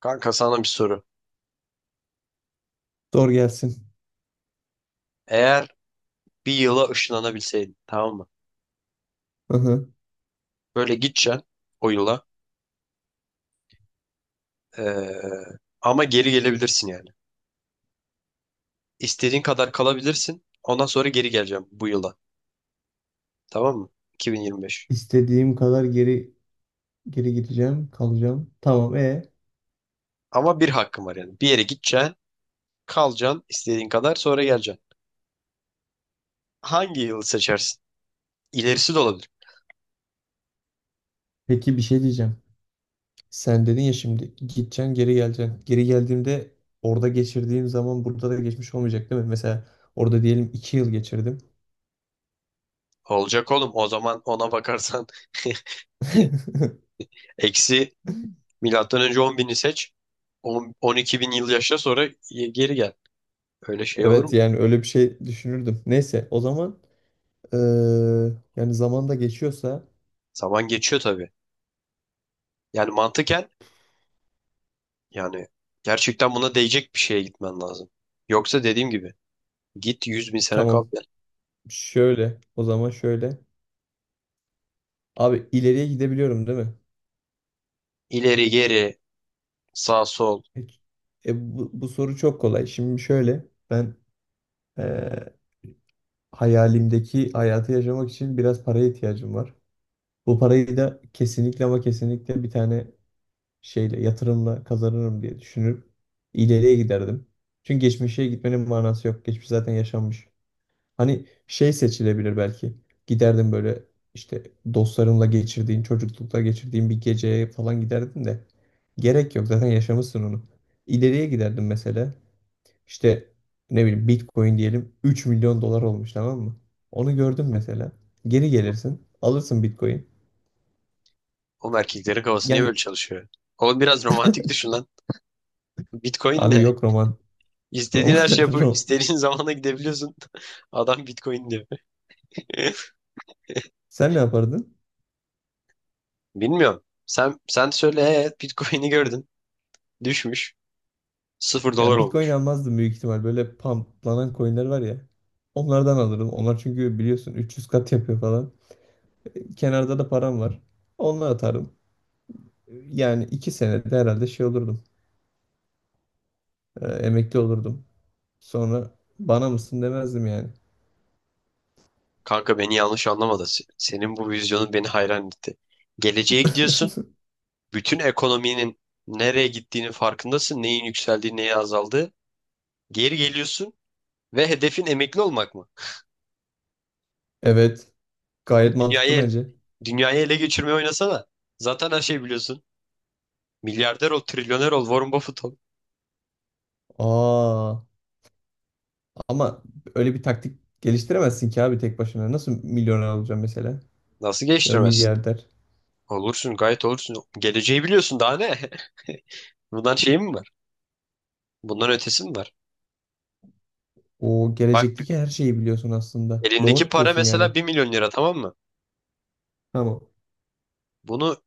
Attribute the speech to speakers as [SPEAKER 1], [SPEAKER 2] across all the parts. [SPEAKER 1] Kanka, sana bir soru.
[SPEAKER 2] Doğru gelsin.
[SPEAKER 1] Eğer bir yıla ışınlanabilseydin, tamam mı?
[SPEAKER 2] Aha.
[SPEAKER 1] Böyle gideceksin o yıla. ee, Ama geri gelebilirsin yani. İstediğin kadar kalabilirsin. Ondan sonra geri geleceğim bu yıla. Tamam mı? 2025.
[SPEAKER 2] İstediğim kadar geri gideceğim, kalacağım. Tamam.
[SPEAKER 1] Ama bir hakkın var yani. Bir yere gideceksin, kalacaksın istediğin kadar, sonra geleceksin. Hangi yılı seçersin? İlerisi de olabilir.
[SPEAKER 2] Peki bir şey diyeceğim. Sen dedin ya, şimdi gideceksin, geri geleceksin. Geri geldiğimde orada geçirdiğim zaman burada da geçmiş olmayacak değil mi? Mesela orada diyelim 2 yıl geçirdim.
[SPEAKER 1] Olacak oğlum. O zaman ona bakarsan eksi milattan önce on bini seç. 10 12 bin yıl yaşa, sonra geri gel. Öyle şey olur
[SPEAKER 2] Evet,
[SPEAKER 1] mu?
[SPEAKER 2] yani öyle bir şey düşünürdüm. Neyse, o zaman eee, yani zaman da geçiyorsa,
[SPEAKER 1] Zaman geçiyor tabii. Yani mantıken, yani gerçekten buna değecek bir şeye gitmen lazım. Yoksa dediğim gibi, git 100 bin sene kal
[SPEAKER 2] tamam,
[SPEAKER 1] gel.
[SPEAKER 2] şöyle o zaman şöyle. Abi, ileriye gidebiliyorum değil mi?
[SPEAKER 1] İleri geri, sağ sol.
[SPEAKER 2] E, bu soru çok kolay. Şimdi şöyle ben. Ee, Hayalimdeki hayatı yaşamak için biraz paraya ihtiyacım var. Bu parayı da kesinlikle, ama kesinlikle bir tane şeyle, yatırımla kazanırım diye düşünüp ileriye giderdim. Çünkü geçmişe gitmenin manası yok. Geçmiş zaten yaşanmış. Hani şey seçilebilir belki. Giderdim böyle, işte, dostlarımla geçirdiğin, çocuklukta geçirdiğin bir geceye falan giderdim de. Gerek yok, zaten yaşamışsın onu. İleriye giderdim mesela. İşte, ne bileyim, Bitcoin diyelim 3 milyon dolar olmuş, tamam mı? Onu gördün mesela. Geri gelirsin. Alırsın Bitcoin.
[SPEAKER 1] Oğlum, erkeklerin kafası niye böyle
[SPEAKER 2] Yani
[SPEAKER 1] çalışıyor? Oğlum biraz romantik düşün lan. Bitcoin
[SPEAKER 2] abi,
[SPEAKER 1] ne?
[SPEAKER 2] yok roman.
[SPEAKER 1] İstediğin
[SPEAKER 2] Roman.
[SPEAKER 1] her şey yapıp
[SPEAKER 2] rom-
[SPEAKER 1] istediğin zamana gidebiliyorsun. Adam Bitcoin diyor.
[SPEAKER 2] Sen ne yapardın?
[SPEAKER 1] Bilmiyorum. Sen söyle, evet, Bitcoin'i gördün. Düşmüş. Sıfır dolar
[SPEAKER 2] Ya, Bitcoin
[SPEAKER 1] olmuş.
[SPEAKER 2] almazdım büyük ihtimal. Böyle pumplanan coinler var ya. Onlardan alırım. Onlar çünkü, biliyorsun, 300 kat yapıyor falan. Kenarda da param var. Onunla atarım. Yani 2 senede herhalde şey olurdum. Emekli olurdum. Sonra bana mısın demezdim yani.
[SPEAKER 1] Kanka, beni yanlış anlama da senin bu vizyonun beni hayran etti. Geleceğe gidiyorsun. Bütün ekonominin nereye gittiğinin farkındasın. Neyin yükseldiği, neyin azaldığı. Geri geliyorsun ve hedefin emekli olmak mı?
[SPEAKER 2] Evet.
[SPEAKER 1] Oğlum,
[SPEAKER 2] Gayet mantıklı bence.
[SPEAKER 1] Dünyayı ele geçirmeye oynasana. Zaten her şeyi biliyorsun. Milyarder ol, trilyoner ol, Warren Buffett ol.
[SPEAKER 2] Aa, ama öyle bir taktik geliştiremezsin ki abi, tek başına. Nasıl milyoner olacaksın mesela?
[SPEAKER 1] Nasıl
[SPEAKER 2] Ya da
[SPEAKER 1] geçtiremezsin?
[SPEAKER 2] milyarder.
[SPEAKER 1] Olursun, gayet olursun. Geleceği biliyorsun, daha ne? Bundan şey mi var? Bundan ötesi mi var?
[SPEAKER 2] O
[SPEAKER 1] Bak bir-
[SPEAKER 2] gelecekteki her şeyi biliyorsun aslında.
[SPEAKER 1] Elindeki
[SPEAKER 2] Doğru
[SPEAKER 1] para
[SPEAKER 2] diyorsun yani.
[SPEAKER 1] mesela bir milyon lira, tamam mı?
[SPEAKER 2] Tamam.
[SPEAKER 1] Bunu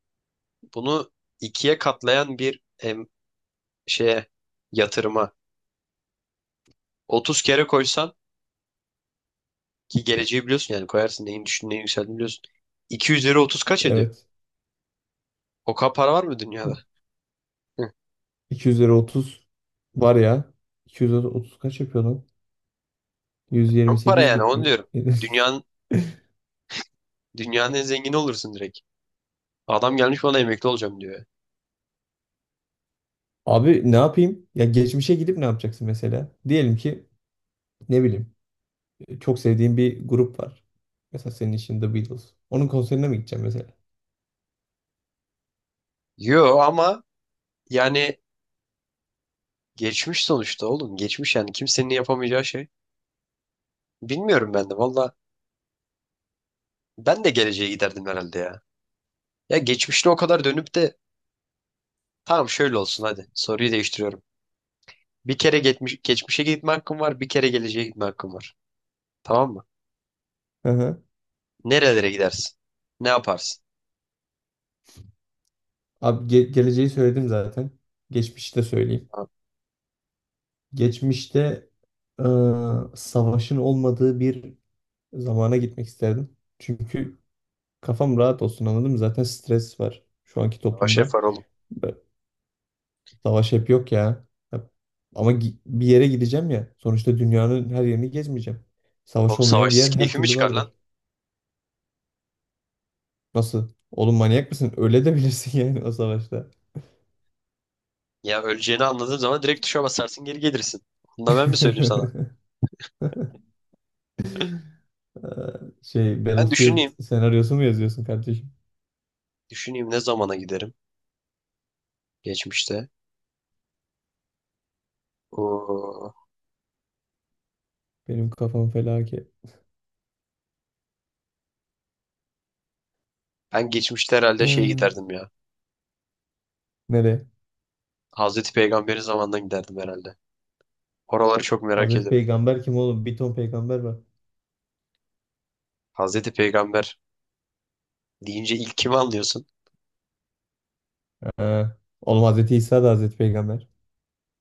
[SPEAKER 1] bunu ikiye katlayan bir şeye yatırıma 30 kere koysan, ki geleceği biliyorsun yani, koyarsın, neyin düştüğünü neyin yükseldiğini biliyorsun. 2 üzeri 30 kaç ediyor?
[SPEAKER 2] Evet.
[SPEAKER 1] O kadar para var mı dünyada? Hı.
[SPEAKER 2] 200 lira 30 var ya. 200 lira 30 kaç yapıyor lan?
[SPEAKER 1] Çok para,
[SPEAKER 2] 128
[SPEAKER 1] yani
[SPEAKER 2] bit
[SPEAKER 1] onu
[SPEAKER 2] mi?
[SPEAKER 1] diyorum. Dünyanın, dünyanın en zengini olursun direkt. Adam gelmiş bana emekli olacağım diyor.
[SPEAKER 2] Abi, ne yapayım? Ya geçmişe gidip ne yapacaksın mesela? Diyelim ki, ne bileyim, çok sevdiğim bir grup var. Mesela senin için The Beatles. Onun konserine mi gideceğim mesela?
[SPEAKER 1] Yo ama yani geçmiş sonuçta oğlum. Geçmiş, yani kimsenin yapamayacağı şey. Bilmiyorum ben de valla. Ben de geleceğe giderdim herhalde ya. Ya geçmişte o kadar dönüp de, tamam şöyle olsun hadi. Soruyu değiştiriyorum. Bir kere geçmiş, geçmişe gitme hakkım var, bir kere geleceğe gitme hakkım var. Tamam mı? Nerelere gidersin? Ne yaparsın?
[SPEAKER 2] Abi, geleceği söyledim zaten. Geçmişi de söyleyeyim.
[SPEAKER 1] Abi,
[SPEAKER 2] Geçmişte, eee, savaşın olmadığı bir zamana gitmek isterdim. Çünkü kafam rahat olsun, anladın mı? Zaten stres var şu anki
[SPEAKER 1] savaş
[SPEAKER 2] toplumda.
[SPEAKER 1] yapar oğlum.
[SPEAKER 2] Ve savaş hep yok ya. Hep- Ama bir yere gideceğim ya. Sonuçta dünyanın her yerini gezmeyeceğim. Savaş
[SPEAKER 1] Oğlum,
[SPEAKER 2] olmayan bir
[SPEAKER 1] savaşsız
[SPEAKER 2] yer her
[SPEAKER 1] keyfi mi
[SPEAKER 2] türlü
[SPEAKER 1] çıkar lan?
[SPEAKER 2] vardır. Nasıl? Oğlum, manyak mısın? Öyle de bilirsin yani, o savaşta.
[SPEAKER 1] Ya, öleceğini anladığın zaman direkt tuşa basarsın, geri gelirsin. Onu da ben mi söyleyeyim sana?
[SPEAKER 2] Ee,
[SPEAKER 1] Ben
[SPEAKER 2] Battlefield
[SPEAKER 1] düşüneyim.
[SPEAKER 2] senaryosu mu yazıyorsun kardeşim?
[SPEAKER 1] Düşüneyim, ne zamana giderim? Geçmişte. Oo.
[SPEAKER 2] Benim kafam felaket.
[SPEAKER 1] Ben geçmişte herhalde şey
[SPEAKER 2] Ee,
[SPEAKER 1] giderdim ya.
[SPEAKER 2] nereye?
[SPEAKER 1] Hazreti Peygamber'in zamanına giderdim herhalde. Oraları çok merak
[SPEAKER 2] Hazreti
[SPEAKER 1] ederim.
[SPEAKER 2] Peygamber kim oğlum? Bir ton peygamber var.
[SPEAKER 1] Hazreti Peygamber deyince ilk kimi anlıyorsun?
[SPEAKER 2] Ha. Oğlum, Hazreti İsa da Hazreti Peygamber.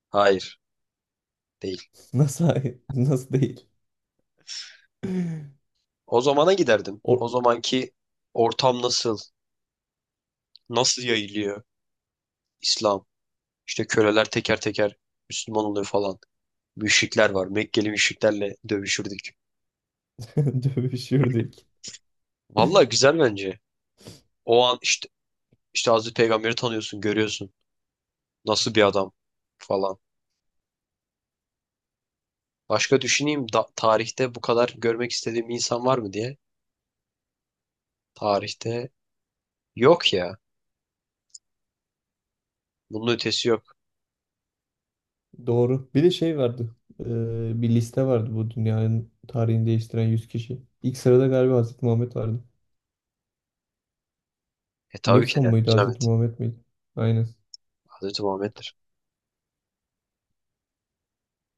[SPEAKER 1] Hayır, değil.
[SPEAKER 2] Nasıl hayır? Nasıl değil?
[SPEAKER 1] O zamana giderdim. O
[SPEAKER 2] O.
[SPEAKER 1] zamanki ortam nasıl? Nasıl yayılıyor İslam? İşte köleler teker teker Müslüman oluyor falan. Müşrikler var. Mekkeli müşriklerle dövüşürdük.
[SPEAKER 2] dövüşürdük.
[SPEAKER 1] Vallahi güzel bence. O an, işte Hazreti Peygamber'i tanıyorsun, görüyorsun. Nasıl bir adam falan. Başka düşüneyim da, tarihte bu kadar görmek istediğim insan var mı diye. Tarihte yok ya. Bunun ötesi yok.
[SPEAKER 2] Doğru. Bir de şey vardı. Bir liste vardı, bu dünyanın tarihini değiştiren 100 kişi. İlk sırada galiba Hazreti Muhammed vardı.
[SPEAKER 1] E tabii ki
[SPEAKER 2] Newton
[SPEAKER 1] de, bir
[SPEAKER 2] muydu, Hazreti
[SPEAKER 1] zahmet.
[SPEAKER 2] Muhammed miydi? Aynen.
[SPEAKER 1] Hazreti Muhammed'dir.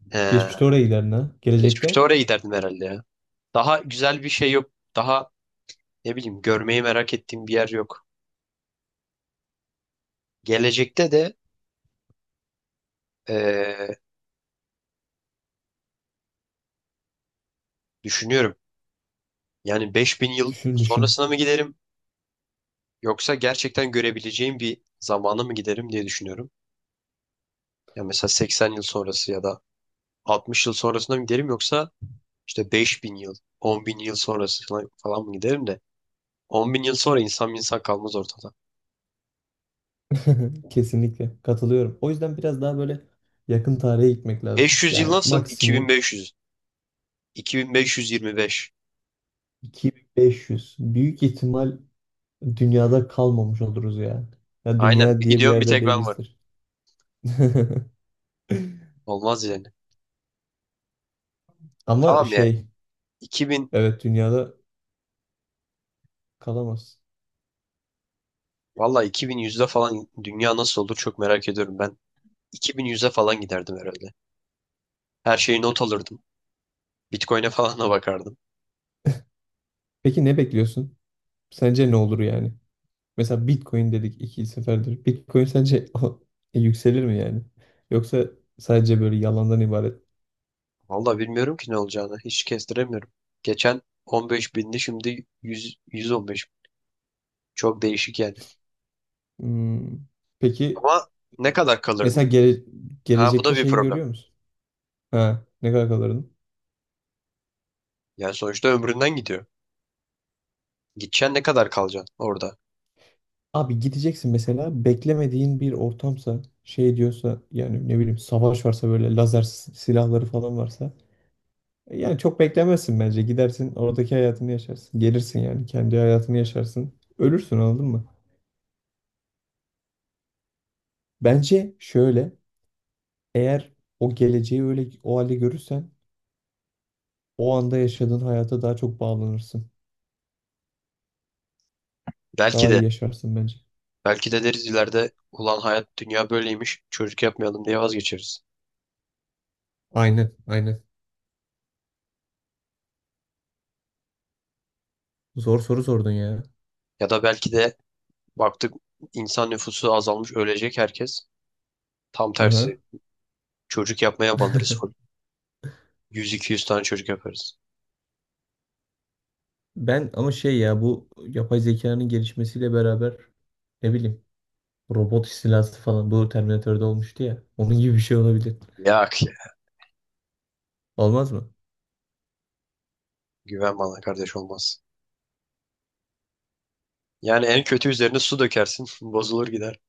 [SPEAKER 1] He,
[SPEAKER 2] Geçmişte oraya giderdin ha.
[SPEAKER 1] geçmişte
[SPEAKER 2] Gelecekte.
[SPEAKER 1] oraya giderdim herhalde ya. Daha güzel bir şey yok. Daha ne bileyim, görmeyi merak ettiğim bir yer yok. Gelecekte de düşünüyorum. Yani 5000 yıl
[SPEAKER 2] Düşün düşün.
[SPEAKER 1] sonrasına mı giderim yoksa gerçekten görebileceğim bir zamana mı giderim diye düşünüyorum. Ya mesela 80 yıl sonrası ya da 60 yıl sonrasına mı giderim, yoksa işte 5000 yıl, 10.000 yıl sonrasına falan mı giderim de. 10.000 yıl sonra insan, bir insan kalmaz ortada.
[SPEAKER 2] Kesinlikle katılıyorum. O yüzden biraz daha böyle yakın tarihe gitmek
[SPEAKER 1] Beş
[SPEAKER 2] lazım.
[SPEAKER 1] yüz yıl
[SPEAKER 2] Yani
[SPEAKER 1] nasıl? Bin
[SPEAKER 2] maksimum
[SPEAKER 1] beş, beş yüz. İki bin beş yüz yirmi beş.
[SPEAKER 2] 2500. Büyük ihtimal dünyada kalmamış oluruz ya. Ya
[SPEAKER 1] Aynen.
[SPEAKER 2] dünya
[SPEAKER 1] Bir
[SPEAKER 2] diye bir
[SPEAKER 1] gidiyorum, bir
[SPEAKER 2] yerde
[SPEAKER 1] tek ben varım.
[SPEAKER 2] değilizdir.
[SPEAKER 1] Olmaz yani.
[SPEAKER 2] Ama
[SPEAKER 1] Tamam ya.
[SPEAKER 2] şey.
[SPEAKER 1] İki bin.
[SPEAKER 2] Evet, dünyada kalamaz.
[SPEAKER 1] Valla iki bin yüzde falan dünya nasıl olur çok merak ediyorum ben. 2100'e falan giderdim herhalde. Her şeyi not alırdım. Bitcoin'e falan da bakardım.
[SPEAKER 2] Peki ne bekliyorsun? Sence ne olur yani? Mesela Bitcoin dedik iki seferdir. Bitcoin sence yükselir mi yani? Yoksa sadece böyle yalandan ibaret?
[SPEAKER 1] Vallahi bilmiyorum ki ne olacağını. Hiç kestiremiyorum. Geçen 15 bindi, şimdi 100, 115. Çok değişik yani.
[SPEAKER 2] Hmm, Peki,
[SPEAKER 1] Ama
[SPEAKER 2] e,
[SPEAKER 1] ne kadar kalırdın?
[SPEAKER 2] mesela
[SPEAKER 1] Ha, bu da
[SPEAKER 2] gelecekte
[SPEAKER 1] bir
[SPEAKER 2] şeyi
[SPEAKER 1] problem.
[SPEAKER 2] görüyor musun? Ha, ne kadar kalırını?
[SPEAKER 1] Yani sonuçta ömründen gidiyor. Gideceksin, ne kadar kalacaksın orada?
[SPEAKER 2] Abi gideceksin mesela, beklemediğin bir ortamsa, şey diyorsa, yani ne bileyim, savaş varsa, böyle lazer silahları falan varsa. Yani çok beklemezsin bence. Gidersin, oradaki hayatını yaşarsın. Gelirsin, yani kendi hayatını yaşarsın. Ölürsün, anladın mı? Bence şöyle, eğer o geleceği öyle o halde görürsen o anda yaşadığın hayata daha çok bağlanırsın.
[SPEAKER 1] Belki
[SPEAKER 2] Daha iyi
[SPEAKER 1] de.
[SPEAKER 2] yaşarsın bence.
[SPEAKER 1] Belki de deriz ileride, ulan hayat, dünya böyleymiş, çocuk yapmayalım diye vazgeçeriz.
[SPEAKER 2] Aynen, aynen. Zor soru sordun ya.
[SPEAKER 1] Ya da belki de baktık, insan nüfusu azalmış, ölecek herkes. Tam
[SPEAKER 2] Aha.
[SPEAKER 1] tersi çocuk yapmaya banırız full. 100-200 tane çocuk yaparız.
[SPEAKER 2] Ben ama şey ya, bu yapay zekanın gelişmesiyle beraber, ne bileyim, robot istilası falan, bu Terminator'da olmuştu ya. Onun gibi bir şey olabilir.
[SPEAKER 1] Ya,
[SPEAKER 2] Olmaz mı?
[SPEAKER 1] güven bana kardeş, olmaz. Yani en kötü üzerine su dökersin. Bozulur gider.